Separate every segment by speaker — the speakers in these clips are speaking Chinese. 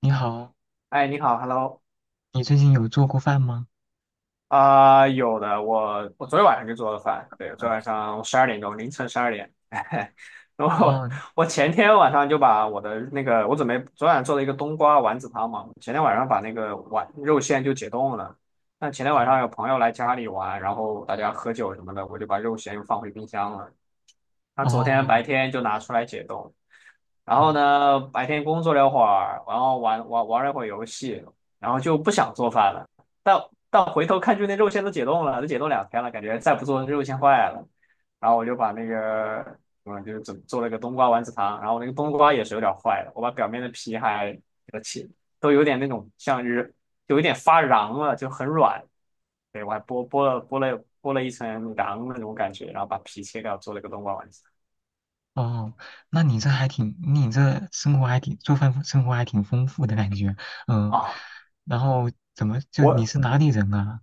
Speaker 1: 你好，
Speaker 2: 哎，你好，Hello，
Speaker 1: 你最近有做过饭吗？
Speaker 2: 啊、有的，我昨天晚上就做了饭，对，昨天
Speaker 1: 嗯。
Speaker 2: 晚上12点钟，凌晨十二点，然后
Speaker 1: 哦。
Speaker 2: 我前天晚上就把我的那个，我准备昨晚做了一个冬瓜丸子汤嘛，前天晚上把那个丸肉馅就解冻了，那前天
Speaker 1: 哦。
Speaker 2: 晚上有朋友来家里玩，然后大家喝酒什么的，我就把肉馅又放回冰箱了，他昨天白
Speaker 1: 哦。
Speaker 2: 天就拿出来解冻，然后
Speaker 1: 哦。
Speaker 2: 呢，白天工作了会儿，然后玩了一会儿游戏，然后就不想做饭了。但但回头看，就那肉馅都解冻了，都解冻2天了，感觉再不做肉馅坏了。然后我就把那个，就是做了个冬瓜丸子汤，然后那个冬瓜也是有点坏的，我把表面的皮还给它切，都有点那种像是有一点发瓤了，就很软。对，我还剥了一层瓤那种感觉，然后把皮切掉，做了个冬瓜丸子。
Speaker 1: 哦。那你这生活还挺，做饭生活还挺丰富的感觉。嗯。
Speaker 2: 啊，
Speaker 1: 然后怎么就你
Speaker 2: 我
Speaker 1: 是哪里人啊？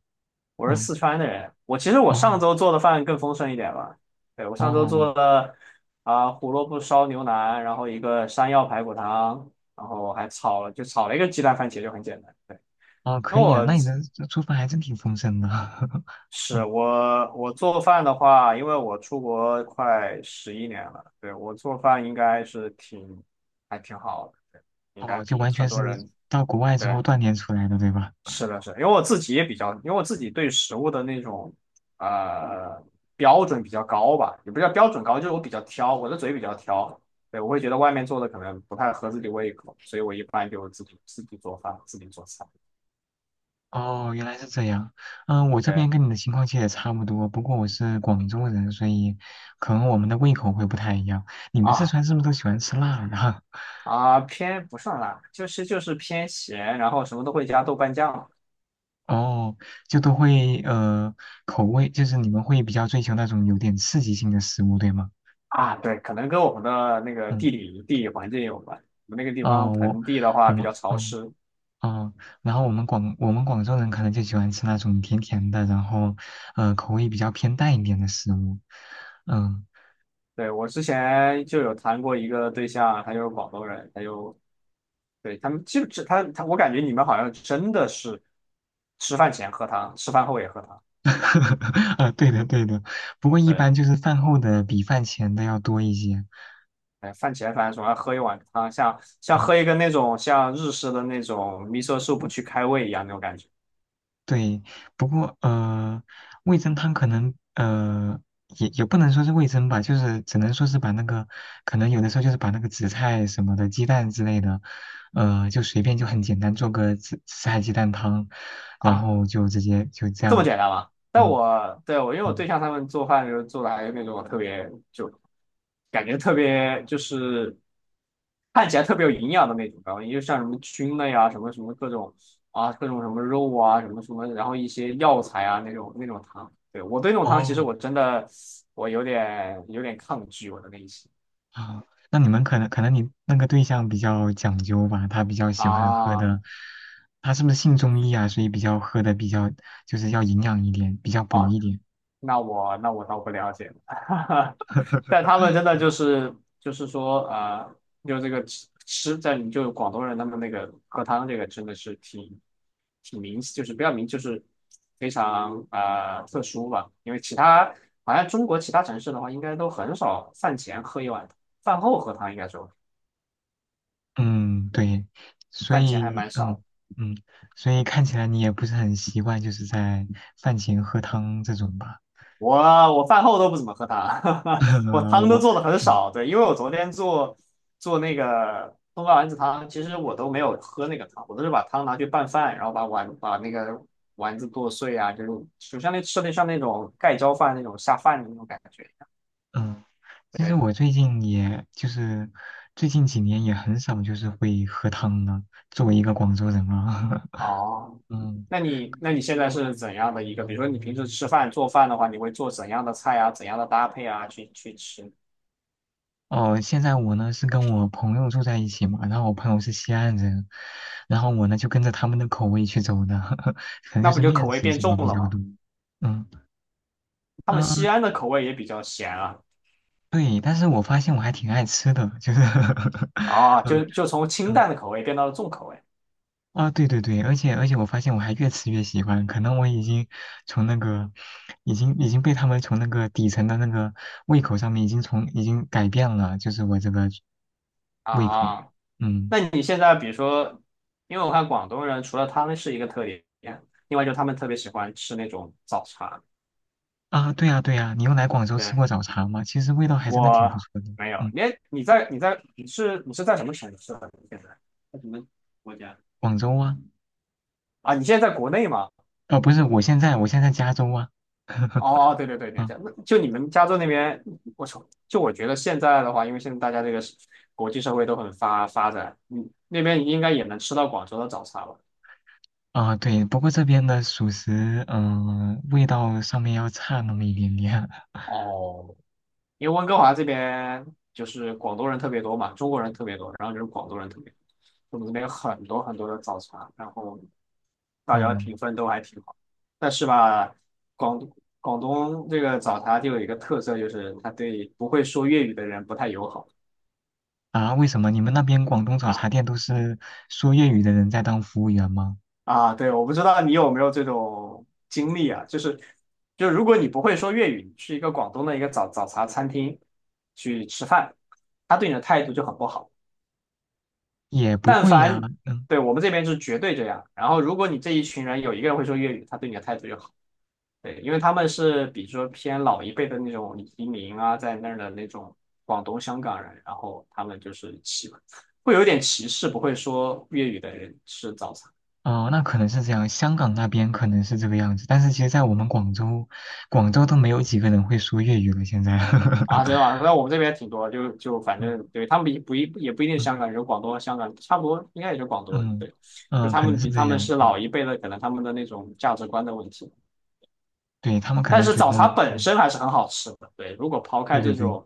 Speaker 2: 我是
Speaker 1: 嗯。
Speaker 2: 四川的人，其实我上
Speaker 1: 哦。
Speaker 2: 周做的饭更丰盛一点吧。对，我上周
Speaker 1: 哦。
Speaker 2: 做了啊、胡萝卜烧牛腩，然后一个山药排骨汤，然后还炒了一个鸡蛋番茄，就很简单。对，
Speaker 1: 哦。
Speaker 2: 那
Speaker 1: 可以啊，
Speaker 2: 我
Speaker 1: 那你的做饭还真挺丰盛的。
Speaker 2: 是
Speaker 1: 嗯。
Speaker 2: 我我做饭的话，因为我出国快11年了，对，我做饭应该还挺好的，对应该
Speaker 1: 哦，就
Speaker 2: 比
Speaker 1: 完
Speaker 2: 很
Speaker 1: 全是
Speaker 2: 多人
Speaker 1: 到国外之
Speaker 2: 对。
Speaker 1: 后锻炼出来的，对吧？
Speaker 2: 是的，是的因为我自己也比较，因为我自己对食物的那种呃标准比较高吧，也不叫标准高，就是我比较挑，我的嘴比较挑，对，我会觉得外面做的可能不太合自己胃口，所以我一般就自己做饭，自己做菜。
Speaker 1: 哦，原来是这样。嗯，我这边跟
Speaker 2: 对
Speaker 1: 你的情况其实也差不多，不过我是广州人，所以可能我们的胃口会不太一样。你们四
Speaker 2: 啊
Speaker 1: 川是不是都喜欢吃辣的？
Speaker 2: 啊，偏不算辣，就是偏咸，然后什么都会加豆瓣酱
Speaker 1: 哦，就都会口味，就是你们会比较追求那种有点刺激性的食物，对吗？
Speaker 2: 啊，对，可能跟我们的那个
Speaker 1: 嗯。
Speaker 2: 地理环境有关，我们那个地方
Speaker 1: 哦。我
Speaker 2: 盆地的话
Speaker 1: 我
Speaker 2: 比
Speaker 1: 们
Speaker 2: 较潮湿，
Speaker 1: 哦，然后我们广州人可能就喜欢吃那种甜甜的，然后口味比较偏淡一点的食物。嗯。
Speaker 2: 对，我之前就有谈过一个对象，他就是广东人，他们就是他，我感觉你们好像真的是吃饭前喝汤，吃饭后也喝汤。
Speaker 1: 啊，对的对的，不过一
Speaker 2: 对，
Speaker 1: 般就是饭后的比饭前的要多一些。
Speaker 2: 哎，饭前反正总要喝一碗汤，像
Speaker 1: 嗯，
Speaker 2: 喝一个那种像日式的那种 miso soup
Speaker 1: 我，
Speaker 2: 去开胃一样那种感觉。
Speaker 1: 对。不过味噌汤可能也不能说是味噌吧，就是只能说是把那个可能有的时候就是把那个紫菜什么的、鸡蛋之类的，就随便就很简单做个紫菜鸡蛋汤，然后就直接就这
Speaker 2: 这么
Speaker 1: 样。
Speaker 2: 简单吗？但
Speaker 1: 嗯
Speaker 2: 我对我因为我
Speaker 1: 嗯。
Speaker 2: 对象他们做饭就是做的还有那种特别就感觉特别就是看起来特别有营养的那种，然后也就像什么菌类啊，什么什么各种啊，各种什么肉啊，什么什么，然后一些药材啊那种汤。对，我对那种汤其实
Speaker 1: 哦
Speaker 2: 我真的我有点抗拒我的内心
Speaker 1: 啊，那你们可能你那个对象比较讲究吧，他比较喜欢喝
Speaker 2: 啊
Speaker 1: 的。他是不是信中医啊？所以比较喝的比较就是要营养一点，比较补
Speaker 2: 啊，
Speaker 1: 一点。
Speaker 2: 那我倒不了解，但他们真的就是说就这个吃在你就广东人他们那个喝汤这个真的是挺明，就是不要明，就是非常特殊吧，因为其他好像中国其他城市的话，应该都很少饭前喝一碗，饭后喝汤应该说
Speaker 1: 嗯，对。所
Speaker 2: 饭前还
Speaker 1: 以
Speaker 2: 蛮少的。
Speaker 1: 嗯嗯，所以看起来你也不是很习惯，就是在饭前喝汤这种吧？
Speaker 2: 我我饭后都不怎么喝汤，我汤都
Speaker 1: 我
Speaker 2: 做的很
Speaker 1: 嗯
Speaker 2: 少。对，因为我昨天做那个冬瓜丸子汤，其实我都没有喝那个汤，我都是把汤拿去拌饭，然后把那个丸子剁碎啊，就是就像那吃的像那种盖浇饭那种下饭的那种感觉一样。
Speaker 1: 嗯，其实
Speaker 2: 对，
Speaker 1: 我最近也就是最近几年也很少就是会喝汤了，作为一个广州人啊。
Speaker 2: 哦，
Speaker 1: 嗯。
Speaker 2: 那你现在是怎样的一个？比如说你平时吃饭做饭的话，你会做怎样的菜啊？怎样的搭配啊？去吃，
Speaker 1: 哦，现在我呢是跟我朋友住在一起嘛，然后我朋友是西安人，然后我呢就跟着他们的口味去走的。可能就
Speaker 2: 那不
Speaker 1: 是
Speaker 2: 就口
Speaker 1: 面
Speaker 2: 味
Speaker 1: 食
Speaker 2: 变
Speaker 1: 什
Speaker 2: 重
Speaker 1: 么比
Speaker 2: 了
Speaker 1: 较
Speaker 2: 吗？
Speaker 1: 多。嗯
Speaker 2: 他
Speaker 1: 嗯。
Speaker 2: 们西安的口味也比较咸啊。
Speaker 1: 对，但是我发现我还挺爱吃的，就是
Speaker 2: 啊，
Speaker 1: 嗯
Speaker 2: 就就从清
Speaker 1: 嗯
Speaker 2: 淡的口味变到了重口味
Speaker 1: 啊，对对对。而且我发现我还越吃越喜欢，可能我已经从那个已经已经被他们从那个底层的那个胃口上面已经改变了，就是我这个胃口。
Speaker 2: 啊。
Speaker 1: 嗯。
Speaker 2: 那你现在比如说，因为我看广东人除了他们是一个特点，另外就是他们特别喜欢吃那种早茶。
Speaker 1: 啊，对呀，对呀，你有来广州吃
Speaker 2: 对，
Speaker 1: 过早茶吗？其实味道还真的挺不
Speaker 2: 我
Speaker 1: 错的。
Speaker 2: 没有，
Speaker 1: 嗯，
Speaker 2: 你是在什么城市啊？你现在在什么国家？
Speaker 1: 广州啊。
Speaker 2: 啊，你现在在国内吗？
Speaker 1: 啊，不是，我现在加州啊。
Speaker 2: 哦哦，对对对，了
Speaker 1: 啊
Speaker 2: 解。那就你们加州那边，我操，就我觉得现在的话，因为现在大家这个是国际社会都很发展，嗯，那边应该也能吃到广州的早茶吧？
Speaker 1: 啊，对，不过这边的属实，味道上面要差那么一点点。
Speaker 2: 哦，因为温哥华这边就是广东人特别多嘛，中国人特别多，然后就是广东人特别多，我们这边有很多很多的早茶，然后大家
Speaker 1: 嗯
Speaker 2: 评分都还挺好。但是吧，广广东这个早茶就有一个特色，就是它对不会说粤语的人不太友好
Speaker 1: 啊，为什么你们那边广东早茶
Speaker 2: 啊
Speaker 1: 店都是说粤语的人在当服务员吗？
Speaker 2: 啊！对，我不知道你有没有这种经历啊，就是就如果你不会说粤语，你去一个广东的一个早茶餐厅去吃饭，他对你的态度就很不好。
Speaker 1: 也不
Speaker 2: 但
Speaker 1: 会呀。
Speaker 2: 凡
Speaker 1: 嗯。
Speaker 2: 对我们这边是绝对这样。然后，如果你这一群人有一个人会说粤语，他对你的态度就好。对，因为他们是比如说偏老一辈的那种移民啊，在那儿的那种广东、香港人，然后他们就是会有点歧视，不会说粤语的人吃早餐
Speaker 1: 哦，那可能是这样，香港那边可能是这个样子，但是其实，在我们广州，广州都没有几个人会说粤语了，现在。
Speaker 2: 啊，知道啊。那我们这边挺多，就反正 对他们比不一也不一定是
Speaker 1: 嗯
Speaker 2: 香港人，广东、香港差不多，应该也就广东人
Speaker 1: 嗯。
Speaker 2: 对。就
Speaker 1: 嗯，
Speaker 2: 他
Speaker 1: 可能
Speaker 2: 们
Speaker 1: 是
Speaker 2: 比
Speaker 1: 这
Speaker 2: 他们
Speaker 1: 样。
Speaker 2: 是老
Speaker 1: 嗯，
Speaker 2: 一辈的，可能他们的那种价值观的问题。
Speaker 1: 对，他们可
Speaker 2: 但
Speaker 1: 能
Speaker 2: 是
Speaker 1: 觉
Speaker 2: 早
Speaker 1: 得，
Speaker 2: 茶本
Speaker 1: 嗯，
Speaker 2: 身还是很好吃的。对，如果抛
Speaker 1: 对
Speaker 2: 开
Speaker 1: 对
Speaker 2: 这
Speaker 1: 对
Speaker 2: 种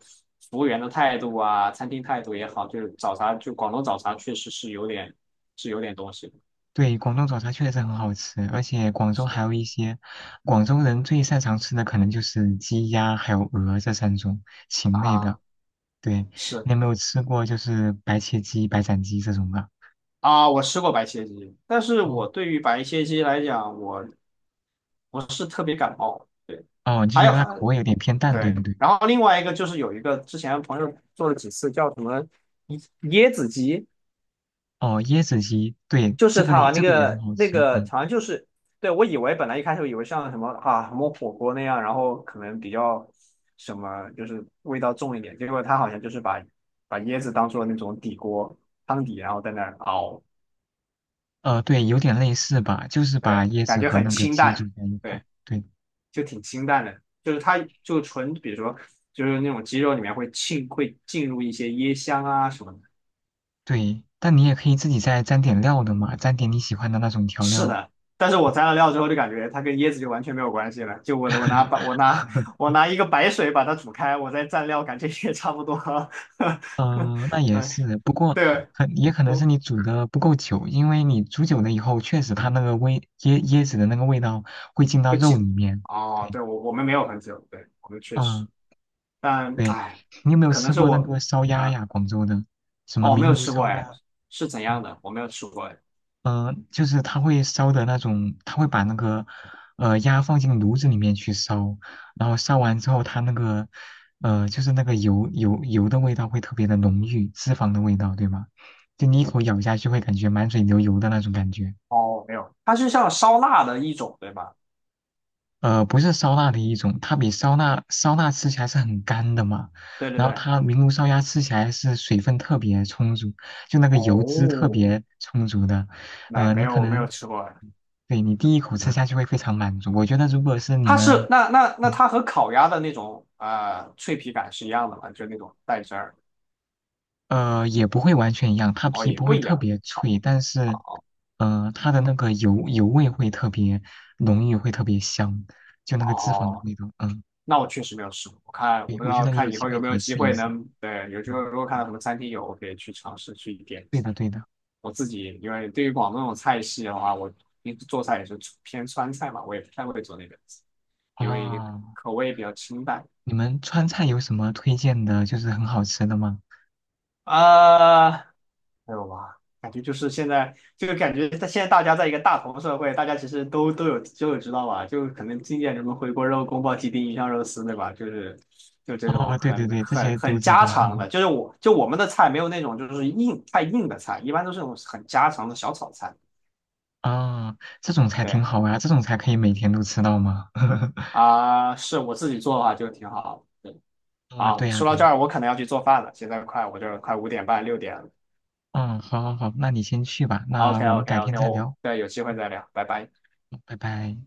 Speaker 2: 服务员的态度啊，餐厅态度也好，就是早茶，就广东早茶确实是有点是有点东西的。
Speaker 1: 对，广东早茶确实很好吃，而且广州还
Speaker 2: 是
Speaker 1: 有一些广州人最擅长吃的，可能就是鸡鸭还有鹅这三种禽类的。
Speaker 2: 啊，
Speaker 1: 对，
Speaker 2: 是
Speaker 1: 你有没有吃过就是白切鸡、白斩鸡这种的？
Speaker 2: 啊，我吃过白切鸡，但是我
Speaker 1: 哦
Speaker 2: 对于白切鸡来讲，我不是特别感冒。对，
Speaker 1: 哦，你就
Speaker 2: 还
Speaker 1: 觉得
Speaker 2: 有
Speaker 1: 它口
Speaker 2: 还
Speaker 1: 味有点偏淡，对不
Speaker 2: 对，
Speaker 1: 对？
Speaker 2: 然后另外一个就是有一个之前朋友做了几次叫什么椰子鸡，
Speaker 1: 哦，椰子鸡，对，
Speaker 2: 就
Speaker 1: 这
Speaker 2: 是
Speaker 1: 个也
Speaker 2: 它那
Speaker 1: 这个也很
Speaker 2: 个
Speaker 1: 好
Speaker 2: 那
Speaker 1: 吃。
Speaker 2: 个好像就是，对，我以为本来一开始以为像什么啊什么火锅那样，然后可能比较什么就是味道重一点，结果它好像就是把椰子当做那种底锅汤底，然后在那儿熬，
Speaker 1: 对，有点类似吧，就是把
Speaker 2: 对，
Speaker 1: 椰
Speaker 2: 感
Speaker 1: 子
Speaker 2: 觉
Speaker 1: 和
Speaker 2: 很
Speaker 1: 那个
Speaker 2: 清
Speaker 1: 鸡煮
Speaker 2: 淡，
Speaker 1: 在一块。
Speaker 2: 对，
Speaker 1: 对。
Speaker 2: 就挺清淡的，就是它就纯比如说就是那种鸡肉里面会浸会进入一些椰香啊什么的。
Speaker 1: 对，但你也可以自己再沾点料的嘛，沾点你喜欢的那种调
Speaker 2: 是
Speaker 1: 料。
Speaker 2: 的，但是我蘸了料之后就感觉它跟椰子就完全没有关系了。就我我拿把我 拿我拿一个白水把它煮开，我再蘸料，感觉也差不多。
Speaker 1: 嗯，那也
Speaker 2: 对
Speaker 1: 是，不过
Speaker 2: 对，
Speaker 1: 也可能是
Speaker 2: 我
Speaker 1: 你煮的不够久，因为你煮久了以后，确实它那个椰子的那个味道会进到
Speaker 2: 我
Speaker 1: 肉里
Speaker 2: 记
Speaker 1: 面。
Speaker 2: 哦，
Speaker 1: 对。
Speaker 2: 对我们没有很久，对我们确实，
Speaker 1: 嗯，
Speaker 2: 但
Speaker 1: 对，
Speaker 2: 哎，
Speaker 1: 你有没有
Speaker 2: 可能
Speaker 1: 吃
Speaker 2: 是
Speaker 1: 过那
Speaker 2: 我
Speaker 1: 个烧鸭
Speaker 2: 啊
Speaker 1: 呀？广州的什么
Speaker 2: 哦没
Speaker 1: 名
Speaker 2: 有
Speaker 1: 炉
Speaker 2: 吃过
Speaker 1: 烧
Speaker 2: 哎，
Speaker 1: 鸭？
Speaker 2: 是怎样
Speaker 1: 嗯
Speaker 2: 的？我没有吃过哎。
Speaker 1: 嗯，就是它会烧的那种，它会把那个鸭放进炉子里面去烧，然后烧完之后，它那个就是那个油的味道会特别的浓郁，脂肪的味道，对吗？就你一口咬下去会感觉满嘴流油的那种感觉。
Speaker 2: 哦，没有，它是像烧腊的一种，对吧？
Speaker 1: 不是烧腊的一种，它比烧腊吃起来是很干的嘛，
Speaker 2: 对对
Speaker 1: 然后
Speaker 2: 对。
Speaker 1: 它明炉烧鸭吃起来是水分特别充足，就那个油脂特
Speaker 2: 哦，
Speaker 1: 别充足的。
Speaker 2: 没没
Speaker 1: 你可
Speaker 2: 有没有
Speaker 1: 能
Speaker 2: 吃过，
Speaker 1: 对你第一口吃下去会非常满足。我觉得如果是你
Speaker 2: 它是
Speaker 1: 们，
Speaker 2: 那
Speaker 1: 嗯
Speaker 2: 它和烤鸭的那种脆皮感是一样的吗？就是那种带汁儿
Speaker 1: 也不会完全一样，它
Speaker 2: 哦，
Speaker 1: 皮
Speaker 2: 也
Speaker 1: 不
Speaker 2: 不
Speaker 1: 会
Speaker 2: 一
Speaker 1: 特
Speaker 2: 样
Speaker 1: 别脆，但是，
Speaker 2: 啊
Speaker 1: 它的那个油味会特别浓郁，会特别香，就那个脂肪的
Speaker 2: 哦。
Speaker 1: 味道。嗯，
Speaker 2: 那我确实没有试过，我看
Speaker 1: 对，
Speaker 2: 我不知
Speaker 1: 我觉
Speaker 2: 道
Speaker 1: 得你有
Speaker 2: 看以
Speaker 1: 机
Speaker 2: 后
Speaker 1: 会
Speaker 2: 有没
Speaker 1: 可
Speaker 2: 有
Speaker 1: 以
Speaker 2: 机
Speaker 1: 试一
Speaker 2: 会
Speaker 1: 试。
Speaker 2: 能对，有机会
Speaker 1: 嗯，
Speaker 2: 如果看到什么餐厅有，我可以去尝试去点一
Speaker 1: 对
Speaker 2: 下。
Speaker 1: 的，对的。
Speaker 2: 我自己因为对于广东那种菜系的话，我平时做菜也是偏川菜嘛，我也不太会做那个，因为
Speaker 1: 啊，
Speaker 2: 口味比较清淡。
Speaker 1: 你们川菜有什么推荐的，就是很好吃的吗？
Speaker 2: 啊。没有吧？感觉就是现在，就感觉现在大家在一个大同社会，大家其实都知道吧？就可能经典什么回锅肉、宫保鸡丁、鱼香肉丝，对吧？就是就这
Speaker 1: 哦，
Speaker 2: 种
Speaker 1: 对对
Speaker 2: 很
Speaker 1: 对，这
Speaker 2: 很
Speaker 1: 些都
Speaker 2: 很
Speaker 1: 知
Speaker 2: 家
Speaker 1: 道。
Speaker 2: 常的，就是就我们的菜没有那种就是太硬的菜，一般都是那种很家常的小炒菜。
Speaker 1: 啊，这种才
Speaker 2: 对
Speaker 1: 挺好呀，这种才可以每天都吃到吗？
Speaker 2: 啊，是我自己做的话就挺好。对
Speaker 1: 啊，
Speaker 2: 啊，
Speaker 1: 对呀
Speaker 2: 说到
Speaker 1: 对
Speaker 2: 这
Speaker 1: 呀。
Speaker 2: 儿，我可能要去做饭了，现在快我这儿快5点半6点了。
Speaker 1: 嗯，好好好，那你先去吧，那
Speaker 2: OK
Speaker 1: 我们
Speaker 2: OK
Speaker 1: 改天
Speaker 2: OK，
Speaker 1: 再
Speaker 2: 我
Speaker 1: 聊。
Speaker 2: 对有机会再聊，拜拜。
Speaker 1: 好拜拜。